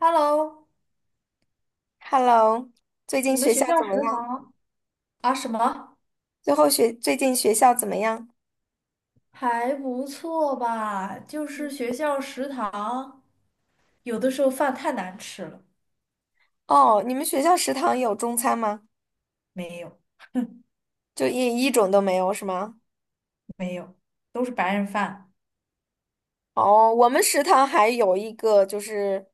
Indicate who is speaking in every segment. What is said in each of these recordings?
Speaker 1: Hello，
Speaker 2: Hello，最近
Speaker 1: 你们
Speaker 2: 学
Speaker 1: 学
Speaker 2: 校
Speaker 1: 校
Speaker 2: 怎么
Speaker 1: 食
Speaker 2: 样？
Speaker 1: 堂啊什么
Speaker 2: 最近学校怎么样？
Speaker 1: 还不错吧？就是学校食堂有的时候饭太难吃了。
Speaker 2: 哦，你们学校食堂有中餐吗？
Speaker 1: 没有
Speaker 2: 就一种都没有是吗？
Speaker 1: 没有，都是白人饭。
Speaker 2: 哦，我们食堂还有一个就是，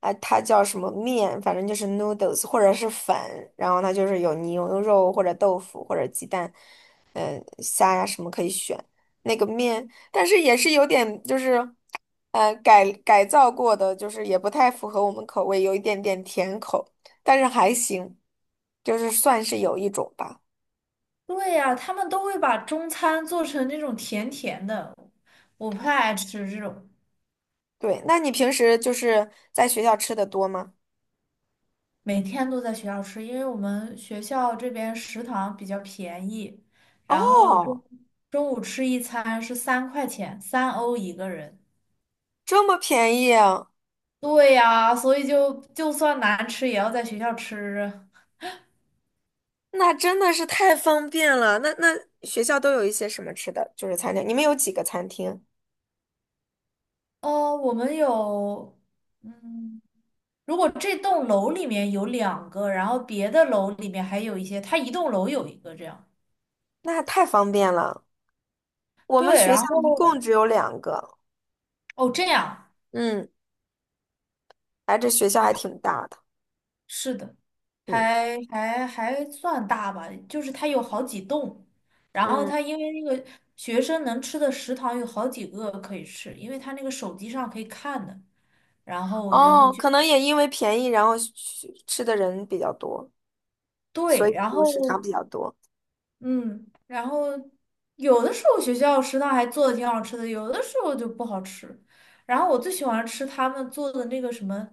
Speaker 2: 啊，它叫什么面，反正就是 noodles 或者是粉，然后它就是有牛肉或者豆腐或者鸡蛋，虾呀什么可以选。那个面，但是也是有点就是，改造过的，就是也不太符合我们口味，有一点点甜口，但是还行，就是算是有一种吧。
Speaker 1: 对呀，他们都会把中餐做成那种甜甜的，我不太爱吃这种。
Speaker 2: 对，那你平时就是在学校吃的多吗？
Speaker 1: 每天都在学校吃，因为我们学校这边食堂比较便宜，然后中
Speaker 2: 哦，
Speaker 1: 中午吃一餐是三块钱，3欧一个人。
Speaker 2: 这么便宜啊！
Speaker 1: 对呀，所以就算难吃，也要在学校吃啊。
Speaker 2: 那真的是太方便了。那学校都有一些什么吃的，就是餐厅。你们有几个餐厅？
Speaker 1: 哦，我们有，嗯，如果这栋楼里面有两个，然后别的楼里面还有一些，它一栋楼有一个这样。
Speaker 2: 那太方便了。我们
Speaker 1: 对，
Speaker 2: 学校
Speaker 1: 然
Speaker 2: 一共
Speaker 1: 后
Speaker 2: 只有两个。
Speaker 1: 哦，这样
Speaker 2: 嗯，哎，这学校还挺大的。
Speaker 1: 是的，
Speaker 2: 嗯
Speaker 1: 还算大吧，就是它有好几栋，然后
Speaker 2: 嗯，
Speaker 1: 它因为那个学生能吃的食堂有好几个可以吃，因为它那个手机上可以看的，然后我就会
Speaker 2: 哦，
Speaker 1: 去。
Speaker 2: 可能也因为便宜，然后去吃的人比较多，所
Speaker 1: 对，
Speaker 2: 以
Speaker 1: 然
Speaker 2: 就食堂
Speaker 1: 后
Speaker 2: 比较多。
Speaker 1: 嗯，然后有的时候学校食堂还做的挺好吃的，有的时候就不好吃。然后我最喜欢吃他们做的那个什么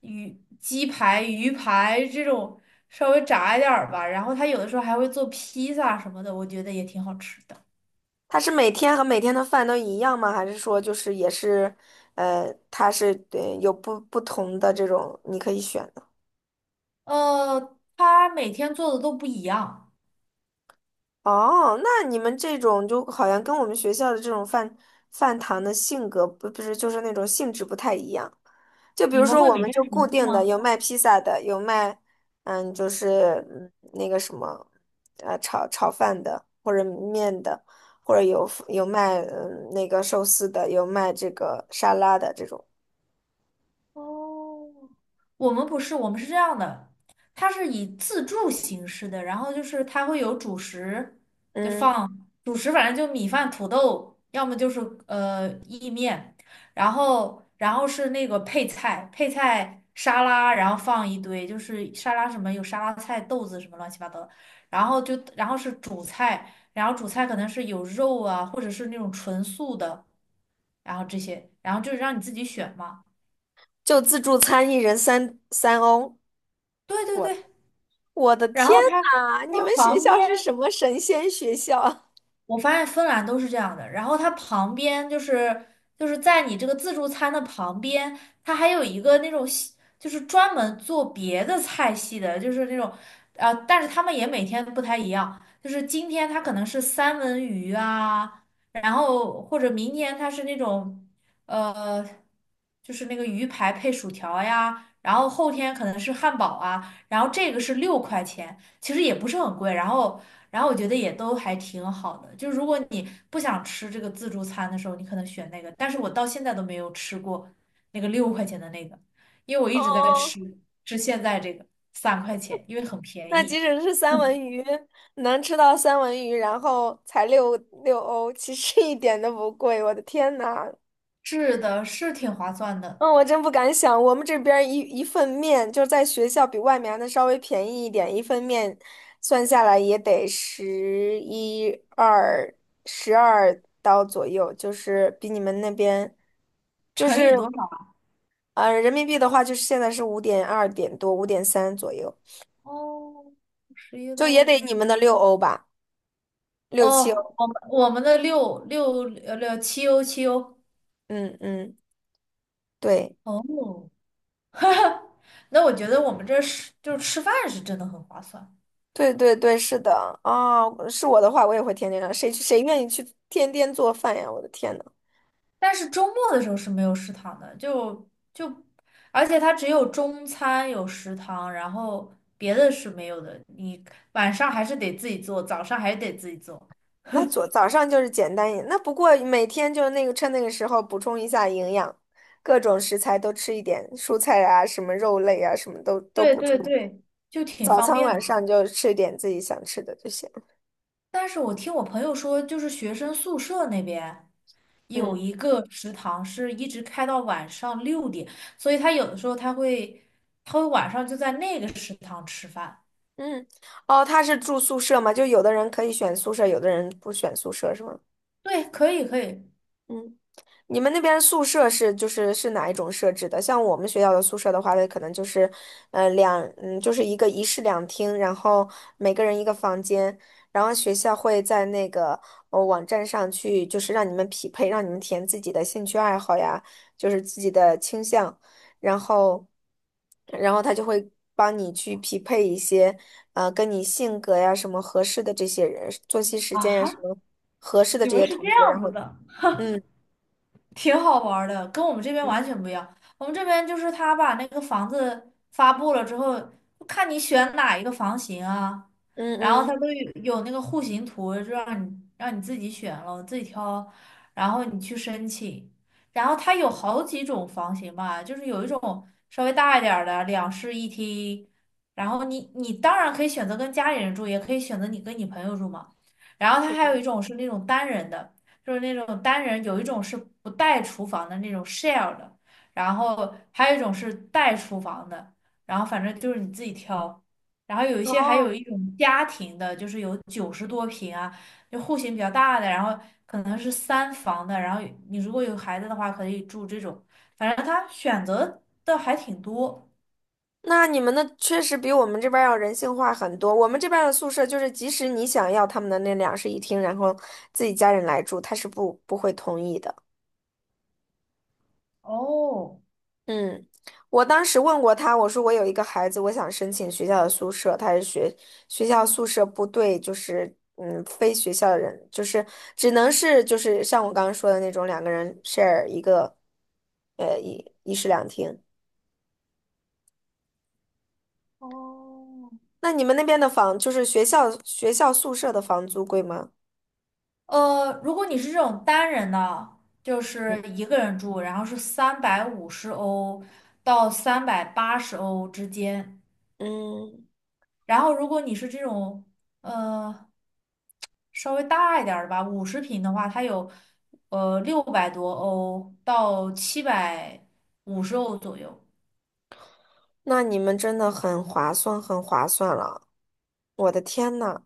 Speaker 1: 鱼鸡排、鱼排这种稍微炸一点儿吧。然后他有的时候还会做披萨什么的，我觉得也挺好吃的。
Speaker 2: 它是每天和每天的饭都一样吗？还是说就是也是，它是对有不同的这种你可以选？的。
Speaker 1: 他每天做的都不一样。
Speaker 2: 哦，那你们这种就好像跟我们学校的这种饭堂的性格不是就是那种性质不太一样。就比
Speaker 1: 你
Speaker 2: 如
Speaker 1: 们
Speaker 2: 说，
Speaker 1: 会
Speaker 2: 我
Speaker 1: 每
Speaker 2: 们
Speaker 1: 天
Speaker 2: 就固
Speaker 1: 重复
Speaker 2: 定的
Speaker 1: 吗？
Speaker 2: 有卖披萨的，有卖就是那个什么炒饭的，或者面的，或者有卖那个寿司的，有卖这个沙拉的这种。
Speaker 1: 哦，我们不是，我们是这样的，它是以自助形式的，然后就是它会有主食，就
Speaker 2: 嗯，
Speaker 1: 放主食，反正就米饭、土豆，要么就是意面，然后是那个配菜，配菜沙拉，然后放一堆，就是沙拉什么有沙拉菜、豆子什么乱七八糟的，然后就然后是主菜，然后主菜可能是有肉啊，或者是那种纯素的，然后这些，然后就是让你自己选嘛。
Speaker 2: 就自助餐一人三欧，
Speaker 1: 对对
Speaker 2: 我的
Speaker 1: 对。
Speaker 2: 我的
Speaker 1: 然
Speaker 2: 天
Speaker 1: 后它
Speaker 2: 呐，你们
Speaker 1: 它
Speaker 2: 学
Speaker 1: 旁
Speaker 2: 校
Speaker 1: 边，
Speaker 2: 是什么神仙学校？
Speaker 1: 我发现芬兰都是这样的。然后它旁边就是在你这个自助餐的旁边，它还有一个那种西就是专门做别的菜系的，就是那种但是他们也每天不太一样。就是今天它可能是三文鱼啊，然后或者明天它是那种呃，就是那个鱼排配薯条呀，然后后天可能是汉堡啊，然后这个是六块钱。其实也不是很贵，然后我觉得也都还挺好的，就如果你不想吃这个自助餐的时候，你可能选那个，但是我到现在都没有吃过那个六块钱的那个，因为我一直在
Speaker 2: 哦，
Speaker 1: 吃现在这个三块钱，因为很便
Speaker 2: 那即
Speaker 1: 宜。
Speaker 2: 使是三文
Speaker 1: 嗯，
Speaker 2: 鱼，能吃到三文鱼，然后才六欧，其实一点都不贵。我的天呐，
Speaker 1: 是的，是挺划算的。
Speaker 2: 嗯，我真不敢想，我们这边儿一份面，就在学校比外面还能稍微便宜一点，一份面算下来也得十一二12刀左右，就是比你们那边，就
Speaker 1: 乘
Speaker 2: 是
Speaker 1: 以多少啊？
Speaker 2: 人民币的话，就是现在是5.2点多，5.3左右，
Speaker 1: 哦，十一点
Speaker 2: 就也得你们的六
Speaker 1: 五。
Speaker 2: 欧吧。六七
Speaker 1: 哦，
Speaker 2: 欧。
Speaker 1: 我们的六七欧七欧。
Speaker 2: 嗯嗯，对
Speaker 1: 哦，那我觉得我们这是就是吃饭是真的很划算。
Speaker 2: 对对对，是的啊，是我的话，我也会天天让谁去谁愿意去天天做饭呀？我的天呐，
Speaker 1: 但是周末的时候是没有食堂的，就，而且它只有中餐有食堂，然后别的是没有的。你晚上还是得自己做，早上还得自己做。
Speaker 2: 那早上就是简单一点，那不过每天就是那个趁那个时候补充一下营养，各种食材都吃一点，蔬菜啊，什么肉类啊，什么都
Speaker 1: 对
Speaker 2: 补充。
Speaker 1: 对对，就挺
Speaker 2: 早
Speaker 1: 方
Speaker 2: 餐
Speaker 1: 便的。
Speaker 2: 晚上就吃点自己想吃的就行。
Speaker 1: 但是我听我朋友说，就是学生宿舍那边有
Speaker 2: 嗯
Speaker 1: 一个食堂是一直开到晚上6点，所以他有的时候他会晚上就在那个食堂吃饭。
Speaker 2: 嗯，哦，他是住宿舍吗？就有的人可以选宿舍，有的人不选宿舍是吗？
Speaker 1: 对，可以可以。
Speaker 2: 嗯。你们那边宿舍是哪一种设置的？像我们学校的宿舍的话，它可能就是，就是一个一室两厅，然后每个人一个房间，然后学校会在那个网站上去，就是让你们匹配，让你们填自己的兴趣爱好呀，就是自己的倾向，然后，然后，他就会帮你去匹配一些，跟你性格呀什么合适的这些人，作息时
Speaker 1: 啊
Speaker 2: 间呀什
Speaker 1: 哈，
Speaker 2: 么合适的
Speaker 1: 你
Speaker 2: 这
Speaker 1: 们
Speaker 2: 些
Speaker 1: 是这
Speaker 2: 同学，
Speaker 1: 样
Speaker 2: 然后
Speaker 1: 子的。
Speaker 2: 嗯。
Speaker 1: 挺好玩儿的，跟我们这边完全不一样。我们这边就是他把那个房子发布了之后，就看你选哪一个房型啊，
Speaker 2: 嗯
Speaker 1: 然后他
Speaker 2: 嗯
Speaker 1: 都有那个户型图，就让你自己选了，自己挑，然后你去申请。然后他有好几种房型吧，就是有一种稍微大一点儿的两室一厅，然后你当然可以选择跟家里人住，也可以选择你跟你朋友住嘛。然后他还有一
Speaker 2: 嗯，
Speaker 1: 种是那种单人的。就是那种单人，有一种是不带厨房的那种 share 的，然后还有一种是带厨房的，然后反正就是你自己挑。然后有一些还有
Speaker 2: 哦，
Speaker 1: 一种家庭的，就是有90多平啊，就户型比较大的，然后可能是三房的，然后你如果有孩子的话，可以住这种。反正他选择的还挺多。
Speaker 2: 那你们的确实比我们这边儿要人性化很多。我们这边儿的宿舍就是，即使你想要他们的那两室一厅，然后自己家人来住，他是不会同意的。
Speaker 1: 哦，
Speaker 2: 嗯，我当时问过他，我说我有一个孩子，我想申请学校的宿舍，他是学校宿舍不对，就是非学校的人，就是只能是就是像我刚刚说的那种两个人 share 一个，一室两厅。那你们那边的房，就是学校宿舍的房租贵吗？
Speaker 1: 如果你是这种单人的，就
Speaker 2: 嗯
Speaker 1: 是一个人住，然后是350欧到380欧之间。
Speaker 2: 嗯，
Speaker 1: 然后如果你是这种呃稍微大一点儿的吧，50平的话，它有600多欧到750欧左右。
Speaker 2: 那你们真的很划算，很划算了。我的天呐，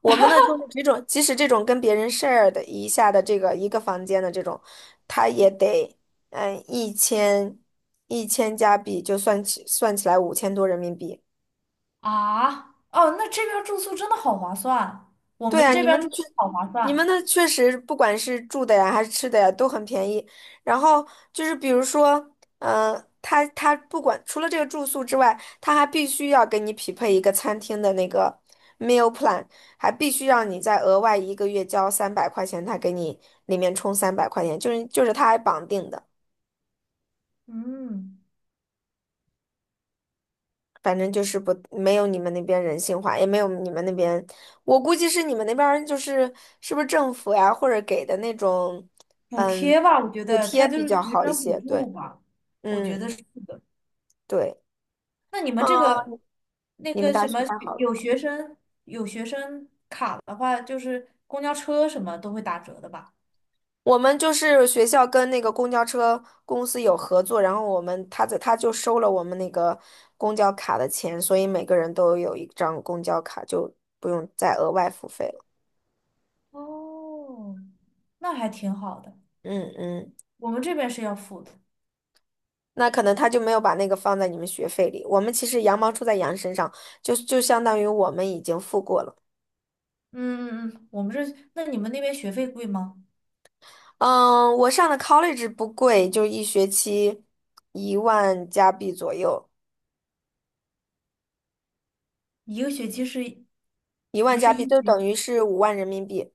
Speaker 2: 我们呢就是这种，即使这种跟别人 share 的一下的这个一个房间的这种，他也得嗯一千一千加币，就算起来5000多人民币。
Speaker 1: 啊，哦，那这边儿住宿真的好划算，我
Speaker 2: 对
Speaker 1: 们
Speaker 2: 啊，
Speaker 1: 这边儿住宿好划
Speaker 2: 你们
Speaker 1: 算。
Speaker 2: 那确实不管是住的呀还是吃的呀都很便宜。然后就是比如说，他不管除了这个住宿之外，他还必须要给你匹配一个餐厅的那个 meal plan，还必须让你再额外一个月交三百块钱，他给你里面充三百块钱，就是他还绑定的。
Speaker 1: 嗯。
Speaker 2: 反正就是不，没有你们那边人性化，也没有你们那边，我估计是你们那边儿就是是不是政府呀，或者给的那种，
Speaker 1: 补
Speaker 2: 嗯，
Speaker 1: 贴吧，我觉
Speaker 2: 补
Speaker 1: 得
Speaker 2: 贴
Speaker 1: 它就
Speaker 2: 比
Speaker 1: 是
Speaker 2: 较
Speaker 1: 学
Speaker 2: 好一
Speaker 1: 生补
Speaker 2: 些。对，
Speaker 1: 助吧，我觉
Speaker 2: 嗯，
Speaker 1: 得是的。
Speaker 2: 对，
Speaker 1: 那你们
Speaker 2: 嗯，
Speaker 1: 这个那
Speaker 2: 你们
Speaker 1: 个
Speaker 2: 大
Speaker 1: 什
Speaker 2: 学
Speaker 1: 么学，
Speaker 2: 太好了。
Speaker 1: 有学生卡的话，就是公交车什么都会打折的吧？
Speaker 2: 我们就是学校跟那个公交车公司有合作，然后我们他就收了我们那个公交卡的钱，所以每个人都有一张公交卡，就不用再额外付费了。
Speaker 1: 哦，那还挺好的。
Speaker 2: 嗯嗯。
Speaker 1: 我们这边是要付的。
Speaker 2: 那可能他就没有把那个放在你们学费里。我们其实羊毛出在羊身上，就相当于我们已经付过了。
Speaker 1: 嗯嗯嗯，我们这，那你们那边学费贵吗？
Speaker 2: 嗯，我上的 college 不贵，就一学期一万加币左右，
Speaker 1: 一个学期是，
Speaker 2: 一
Speaker 1: 不
Speaker 2: 万加
Speaker 1: 是
Speaker 2: 币
Speaker 1: 一
Speaker 2: 就
Speaker 1: 学
Speaker 2: 等于是5万人民币，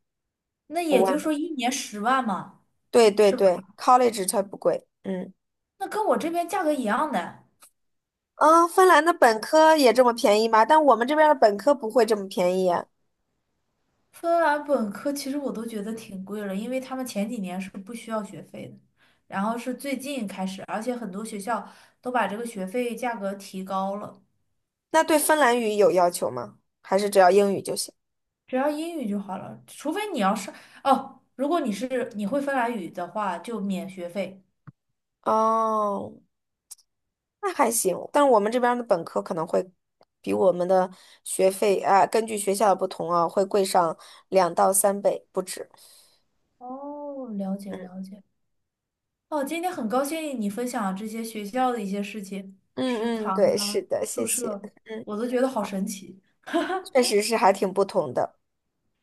Speaker 1: 那
Speaker 2: 五
Speaker 1: 也就
Speaker 2: 万。
Speaker 1: 是说一年10万嘛，
Speaker 2: 对对
Speaker 1: 是吧？
Speaker 2: 对，college 它不贵。嗯
Speaker 1: 那跟我这边价格一样的。
Speaker 2: 嗯，芬兰的本科也这么便宜吗？但我们这边的本科不会这么便宜啊。
Speaker 1: 芬兰本科其实我都觉得挺贵了，因为他们前几年是不需要学费的，然后是最近开始，而且很多学校都把这个学费价格提高了，
Speaker 2: 那对芬兰语有要求吗？还是只要英语就行？
Speaker 1: 只要英语就好了，除非你要上，哦，如果你是你会芬兰语的话，就免学费。
Speaker 2: 哦。那还行，但是我们这边儿的本科可能会比我们的学费啊，根据学校的不同啊，会贵上2到3倍不止。
Speaker 1: 哦，了解了
Speaker 2: 嗯
Speaker 1: 解。哦，今天很高兴你分享这些学校的一些事情，食
Speaker 2: 嗯嗯，
Speaker 1: 堂
Speaker 2: 对，是
Speaker 1: 啊，
Speaker 2: 的，谢
Speaker 1: 宿
Speaker 2: 谢。
Speaker 1: 舍，
Speaker 2: 嗯，
Speaker 1: 我都觉得好神奇。
Speaker 2: 确实是还挺不同的。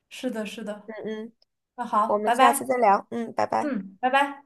Speaker 1: 是的，是的。
Speaker 2: 嗯嗯，
Speaker 1: 那好，
Speaker 2: 我们
Speaker 1: 拜
Speaker 2: 下次
Speaker 1: 拜。
Speaker 2: 再聊。嗯，拜拜。
Speaker 1: 嗯，拜拜。